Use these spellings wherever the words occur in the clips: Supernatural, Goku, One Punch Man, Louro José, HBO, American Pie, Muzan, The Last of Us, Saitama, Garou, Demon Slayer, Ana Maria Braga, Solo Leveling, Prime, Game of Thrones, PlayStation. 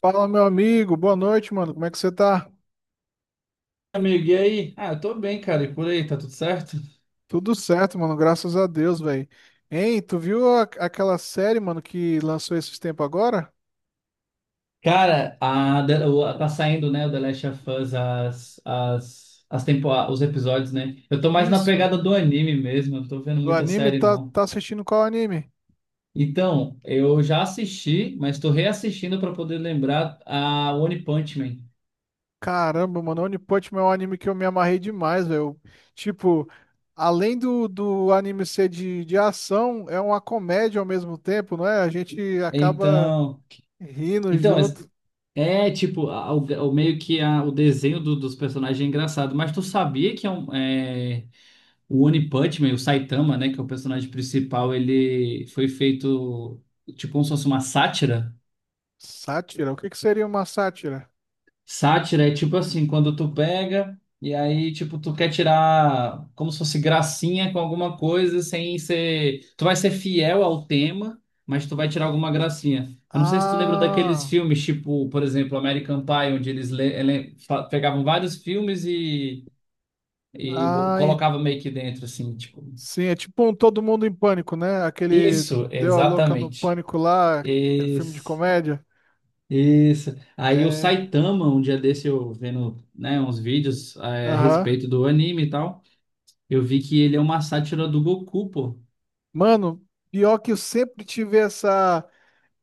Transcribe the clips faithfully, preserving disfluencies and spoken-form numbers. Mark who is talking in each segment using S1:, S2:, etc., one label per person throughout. S1: Fala, meu amigo. Boa noite, mano. Como é que você tá?
S2: Amigo, e aí? Ah, eu tô bem, cara, e por aí, tá tudo certo?
S1: Tudo certo, mano. Graças a Deus, velho. Hein, tu viu a- aquela série, mano, que lançou esses tempos agora?
S2: Cara, a, The- o- tá saindo, né, o The Last of Us, as, as, as tempo, os episódios, né? Eu tô mais na
S1: Isso.
S2: pegada do anime mesmo, eu não tô vendo
S1: Do
S2: muita
S1: anime,
S2: série,
S1: tá,
S2: não.
S1: tá assistindo qual anime?
S2: Então, eu já assisti, mas tô reassistindo pra poder lembrar a One Punch Man.
S1: Caramba, mano. One Punch Man é um anime que eu me amarrei demais, velho. Tipo, além do, do anime ser de, de ação, é uma comédia ao mesmo tempo, não é? A gente acaba
S2: Então,
S1: rindo
S2: então
S1: junto.
S2: é, é, tipo, a- o, o meio que a, o desenho do- dos personagens é engraçado, mas tu sabia que é um. é, o One Punch Man, o Saitama, né, que é o personagem principal, ele foi feito tipo como se fosse uma sátira.
S1: Sátira? O que que seria uma sátira?
S2: Sátira é tipo assim, quando tu pega e aí tipo tu quer tirar como se fosse gracinha com alguma coisa sem ser, tu vai ser fiel ao tema, mas tu vai tirar alguma gracinha. Eu não sei se tu lembra daqueles
S1: Ah.
S2: filmes tipo, por exemplo, American Pie, onde eles le- ele- fa- pegavam vários filmes e e bo-
S1: Ah,
S2: colocavam meio que dentro assim, tipo.
S1: Sim, é tipo um Todo Mundo em Pânico, né? Aquele
S2: Isso,
S1: Deu a Louca no
S2: exatamente.
S1: Pânico lá, aquele filme de
S2: Isso,
S1: comédia.
S2: isso. Aí o
S1: É,
S2: Saitama, um dia desse eu vendo, né, uns vídeos é, a
S1: aham.
S2: respeito do anime e tal, eu vi que ele é uma sátira do Goku, pô.
S1: Mano, pior que eu sempre tive essa,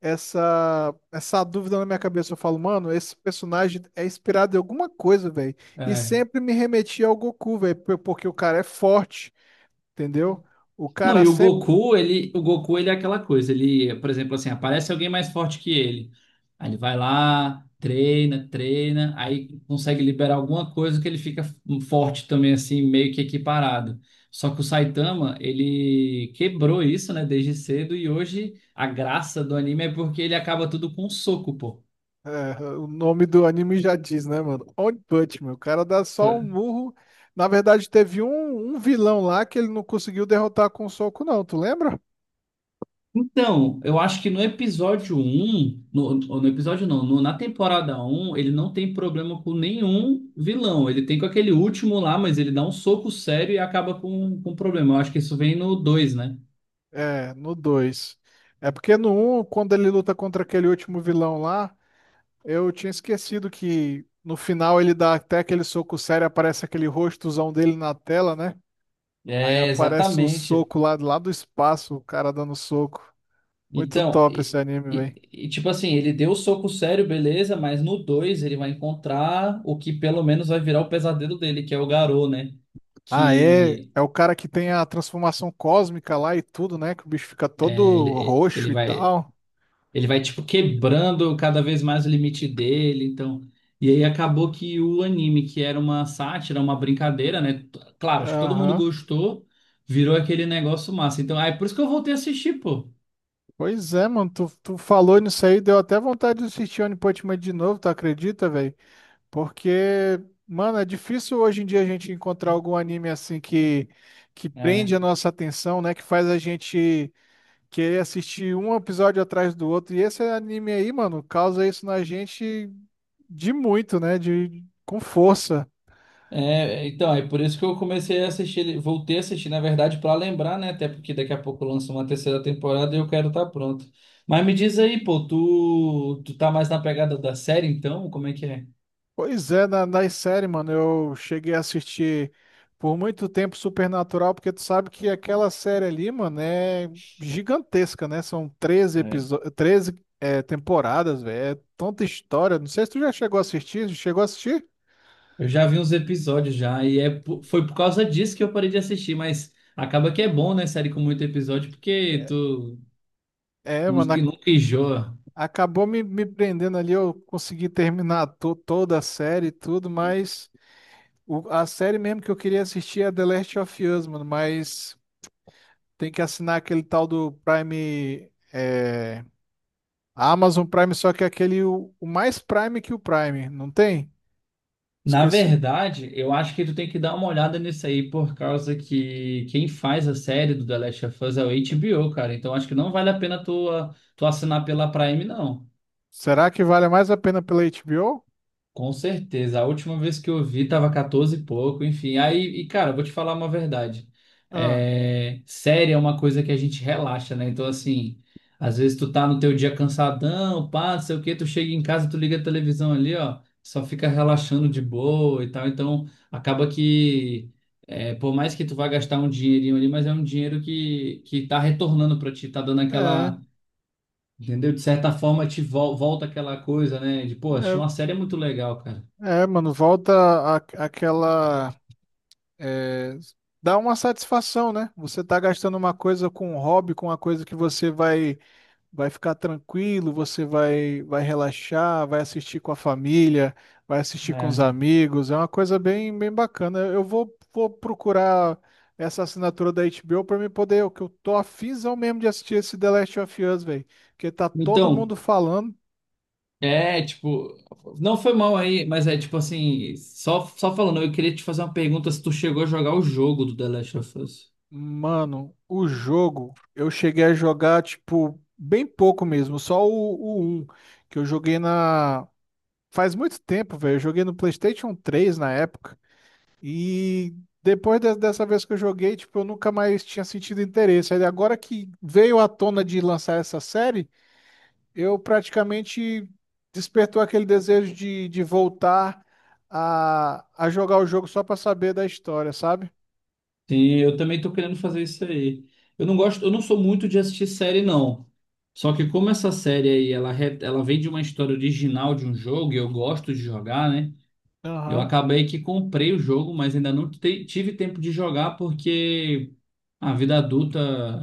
S1: essa, essa dúvida na minha cabeça. Eu falo, mano, esse personagem é inspirado em alguma coisa, velho. E
S2: É.
S1: sempre me remetia ao Goku, velho, porque o cara é forte, entendeu? O
S2: Não,
S1: cara
S2: e o
S1: sempre.
S2: Goku, ele, o Goku, ele é aquela coisa, ele, por exemplo, assim, aparece alguém mais forte que ele. Aí ele vai lá, treina, treina, aí consegue liberar alguma coisa que ele fica forte também, assim, meio que equiparado. Só que o Saitama, ele quebrou isso, né, desde cedo, e hoje a graça do anime é porque ele acaba tudo com um soco, pô.
S1: É, o nome do anime já diz, né, mano? One Punch Man. O cara dá só um murro. Na verdade, teve um, um vilão lá que ele não conseguiu derrotar com um soco, não. Tu lembra?
S2: Então, eu acho que no episódio um no, no episódio não, no- na temporada um ele não tem problema com nenhum vilão. Ele tem com aquele último lá, mas ele dá um soco sério e acaba com, com problema. Eu acho que isso vem no dois, né?
S1: É, no dois. É porque no um, quando ele luta contra aquele último vilão lá, eu tinha esquecido que no final ele dá até aquele soco sério, aparece aquele rostozão dele na tela, né? Aí
S2: É,
S1: aparece o
S2: exatamente.
S1: soco lá, lá do espaço, o cara dando soco. Muito
S2: Então,
S1: top
S2: e,
S1: esse anime,
S2: e-
S1: velho.
S2: e, tipo assim, ele deu o soco sério, beleza, mas no dois ele vai encontrar o que pelo menos vai virar o pesadelo dele, que é o Garou, né?
S1: Ah, é,
S2: Que.
S1: é o cara que tem a transformação cósmica lá e tudo, né? Que o bicho fica todo roxo
S2: Ele
S1: e
S2: vai.
S1: tal.
S2: Ele vai, tipo, quebrando cada vez mais o limite dele, então... E aí acabou que o anime, que era uma sátira, uma brincadeira, né? T- Claro, acho que todo mundo
S1: Aham.
S2: gostou, virou aquele negócio massa. Então, aí por isso que eu voltei a assistir, pô.
S1: Pois é, mano, tu, tu falou nisso aí, deu até vontade de assistir One Punch Man de novo, tu acredita, velho? Porque, mano, é difícil hoje em dia a gente encontrar algum anime assim que, que
S2: É,
S1: prende a nossa atenção, né? Que faz a gente querer assistir um episódio atrás do outro. E esse anime aí, mano, causa isso na gente de muito, né? De, com força.
S2: é, então, é por isso que eu comecei a assistir, ele- voltei a assistir, na verdade, pra lembrar, né? Até porque daqui a pouco lança uma terceira temporada e eu quero estar pronto. Mas me diz aí, pô, tu, tu tá mais na pegada da série, então? Como é que é?
S1: Pois é, na, nas séries, mano, eu cheguei a assistir por muito tempo Supernatural, porque tu sabe que aquela série ali, mano, é gigantesca, né? São treze episódios, treze é, temporadas, velho. É tanta história. Não sei se tu já chegou a assistir, chegou a assistir?
S2: Eu já vi uns episódios já, e é, po- foi por causa disso que eu parei de assistir, mas acaba que é bom, né, série com muito episódio, porque tu
S1: É,
S2: não-
S1: mano,
S2: que
S1: a-
S2: nunca enjoa.
S1: acabou me, me prendendo ali, eu consegui terminar to- toda a série e tudo, mas o- a série mesmo que eu queria assistir é The Last of Us, mano, mas tem que assinar aquele tal do Prime. é, A Amazon Prime, só que é aquele o, o mais Prime que o Prime, não tem?
S2: Na
S1: Esqueci.
S2: verdade, eu acho que tu tem que dar uma olhada nisso aí, por causa que quem faz a série do The Last of Us é o H B O, cara. Então acho que não vale a pena tu, a- tu assinar pela Prime, não.
S1: Será que vale mais a pena pela HBO?
S2: Com certeza. A última vez que eu vi tava quatorze e pouco, enfim. Aí, e cara, vou te falar uma verdade.
S1: Ah,
S2: É, série é uma coisa que a gente relaxa, né? Então, assim, às vezes tu tá no teu dia cansadão, pá, não sei o quê, tu chega em casa, tu liga a televisão ali, ó, só fica relaxando de boa e tal. Então, acaba que, é, por mais que tu vá gastar um dinheirinho ali, mas é um dinheiro que, que tá retornando pra ti, tá dando
S1: é,
S2: aquela, entendeu? De certa forma, te vol- volta aquela coisa, né? De, pô, achei
S1: é,
S2: uma série muito legal, cara.
S1: é, mano, volta a, aquela é, dá uma satisfação, né? Você tá gastando uma coisa com um hobby, com uma coisa que você vai vai ficar tranquilo, você vai, vai relaxar, vai assistir com a família, vai assistir com os
S2: É.
S1: amigos. É uma coisa bem, bem bacana. Eu vou, vou procurar essa assinatura da HBO para me poder, o que eu tô afinzão mesmo de assistir esse The Last of Us, velho, porque tá todo
S2: Então,
S1: mundo falando.
S2: é tipo, não foi mal aí, mas é tipo assim, só, só falando, eu queria te fazer uma pergunta se tu chegou a jogar o jogo do The Last of Us.
S1: Mano, o jogo, eu cheguei a jogar tipo bem pouco mesmo, só o, o um, que eu joguei na. Faz muito tempo, velho. Eu joguei no PlayStation três na época. E depois de- dessa vez que eu joguei, tipo, eu nunca mais tinha sentido interesse. Aí agora que veio à tona de lançar essa série, eu praticamente despertou aquele desejo de, de voltar a, a jogar o jogo só pra saber da história, sabe?
S2: Sim, eu também tô querendo fazer isso aí. Eu não gosto, eu não sou muito de assistir série, não. Só que como essa série aí, ela, re- ela vem de uma história original de um jogo, e eu gosto de jogar, né? Eu
S1: Aham.
S2: acabei que comprei o jogo, mas ainda não te- tive tempo de jogar porque a vida adulta,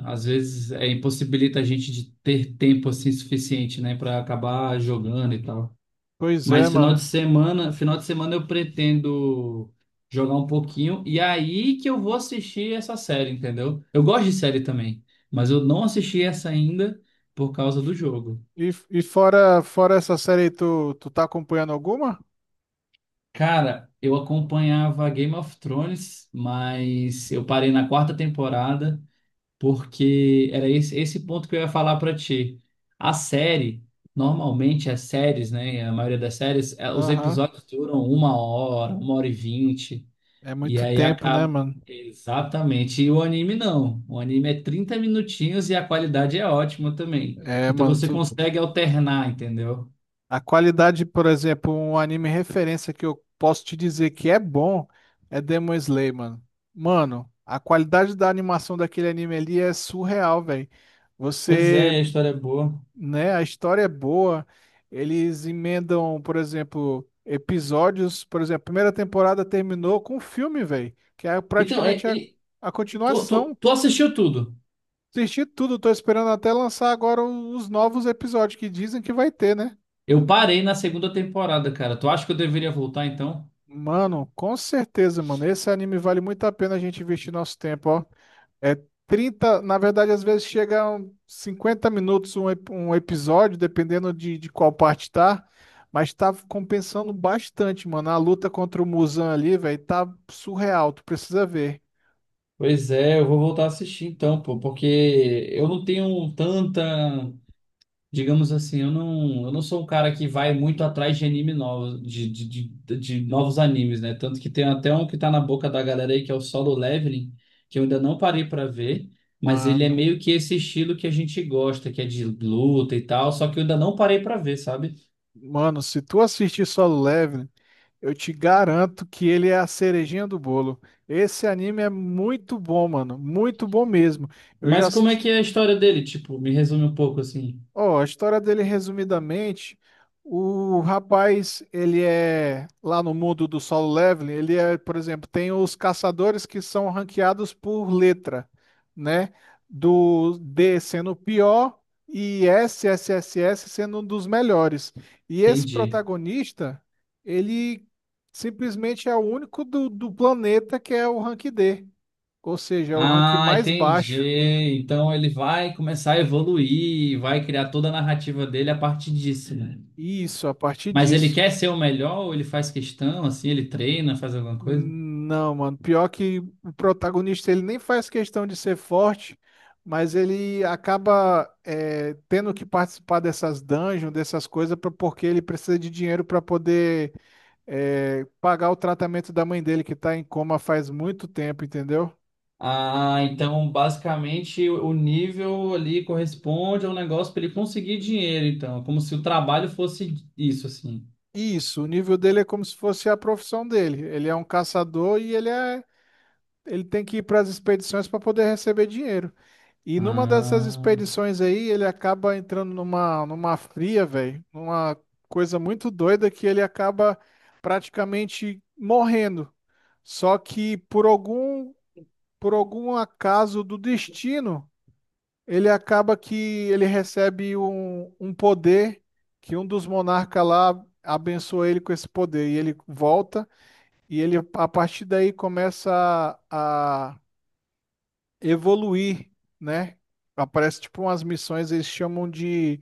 S2: às vezes, é, impossibilita a gente de ter tempo assim suficiente, né, para acabar jogando e tal.
S1: Pois é,
S2: Mas final de
S1: mano.
S2: semana, final de semana eu pretendo jogar um pouquinho e aí que eu vou assistir essa série, entendeu? Eu gosto de série também, mas eu não assisti essa ainda por causa do jogo.
S1: E, e fora, fora, essa série, aí, tu, tu tá acompanhando alguma?
S2: Cara, eu acompanhava Game of Thrones, mas eu parei na quarta temporada, porque era esse, esse ponto que eu ia falar para ti. A série, normalmente as séries, né, a maioria das séries, eh, os
S1: Aham.
S2: episódios duram uma hora, uma hora e vinte,
S1: É
S2: e
S1: muito
S2: aí
S1: tempo, né,
S2: acaba.
S1: mano?
S2: Exatamente. E o anime não. O anime é trinta minutinhos e a qualidade é ótima também.
S1: É,
S2: Então
S1: mano,
S2: você
S1: tu,
S2: consegue alternar, entendeu?
S1: A qualidade, por exemplo, um anime referência que eu posso te dizer que é bom é Demon Slayer, mano. Mano, a qualidade da animação daquele anime ali é surreal, velho.
S2: Pois
S1: Você,
S2: é, a história é boa.
S1: né, a história é boa. Eles emendam, por exemplo, episódios, por exemplo, a primeira temporada terminou com um filme, velho, que é
S2: Então, é-
S1: praticamente a,
S2: é-
S1: a
S2: tu, tu,
S1: continuação.
S2: tu assistiu tudo.
S1: Assisti tudo, tô esperando até lançar agora os novos episódios que dizem que vai ter, né?
S2: Eu parei na segunda temporada, cara. Tu acha que eu deveria voltar então?
S1: Mano, com certeza, mano. Esse anime vale muito a pena a gente investir nosso tempo, ó. É trinta, na verdade, às vezes chega a um cinquenta minutos um, ep- um episódio, dependendo de, de qual parte tá. Mas tá compensando bastante, mano. A luta contra o Muzan ali, velho, tá surreal. Tu precisa ver.
S2: Pois é, eu vou voltar a assistir então, pô, porque eu não tenho tanta, digamos assim, eu não, eu não sou um cara que vai muito atrás de anime novos, de, de, de, de novos animes, né? Tanto que tem até um que tá na boca da galera aí, que é o Solo Leveling, que eu ainda não parei pra ver, mas ele é
S1: Mano,
S2: meio que esse estilo que a gente gosta, que é de luta e tal, só que eu ainda não parei pra ver, sabe?
S1: mano, se tu assistir Solo Leveling, eu te garanto que ele é a cerejinha do bolo. Esse anime é muito bom, mano. Muito bom mesmo. Eu já.
S2: Mas como é que é a história dele? Tipo, me resume um pouco assim.
S1: Ó, a história dele, resumidamente, o rapaz, ele é, lá no mundo do Solo Leveling, ele é, por exemplo, tem os caçadores que são ranqueados por letra, né? Do D sendo o pior e S, S, S, S sendo um dos melhores. E esse
S2: Entendi.
S1: protagonista, ele simplesmente é o único do, do planeta que é o rank D, ou seja, é o rank
S2: Ah,
S1: mais
S2: entendi.
S1: baixo.
S2: Então ele vai começar a evoluir, vai criar toda a narrativa dele a partir disso, né?
S1: Isso, a partir
S2: Mas ele
S1: disso.
S2: quer ser o melhor ou ele faz questão, assim, ele treina, faz alguma coisa?
S1: Não, mano. Pior que o protagonista ele nem faz questão de ser forte, mas ele acaba é, tendo que participar dessas dungeons, dessas coisas, pra- porque ele precisa de dinheiro para poder é, pagar o tratamento da mãe dele que tá em coma faz muito tempo, entendeu?
S2: Ah, então basicamente o o nível ali corresponde ao negócio para ele conseguir dinheiro, então, como se o trabalho fosse isso, assim.
S1: Isso, o nível dele é como se fosse a profissão dele. Ele é um caçador e ele é, ele tem que ir para as expedições para poder receber dinheiro. E numa dessas
S2: Ah,
S1: expedições aí, ele acaba entrando numa, numa fria, velho, numa coisa muito doida que ele acaba praticamente morrendo. Só que por algum, por algum acaso do destino, ele acaba que ele recebe um, um poder que um dos monarcas lá abençoa ele com esse poder. E ele volta e ele, a partir daí, começa a a- evoluir, né? Aparece tipo umas missões, eles chamam de,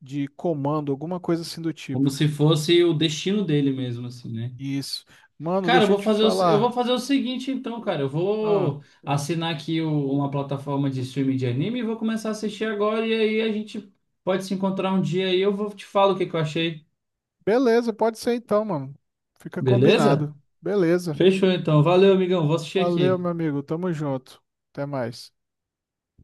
S1: de comando, alguma coisa assim do
S2: como
S1: tipo.
S2: se fosse o destino dele mesmo, assim, né?
S1: Isso. Mano,
S2: Cara, eu
S1: deixa eu
S2: vou
S1: te
S2: fazer o, eu vou
S1: falar.
S2: fazer o seguinte então, cara. Eu
S1: Ah,
S2: vou assinar aqui o- uma plataforma de streaming de anime e vou começar a assistir agora. E aí a gente pode se encontrar um dia e eu vou te falar o que que eu achei.
S1: beleza, pode ser então, mano. Fica
S2: Beleza?
S1: combinado. Beleza.
S2: Fechou então. Valeu, amigão. Vou assistir
S1: Valeu, meu
S2: aqui.
S1: amigo. Tamo junto. Até mais.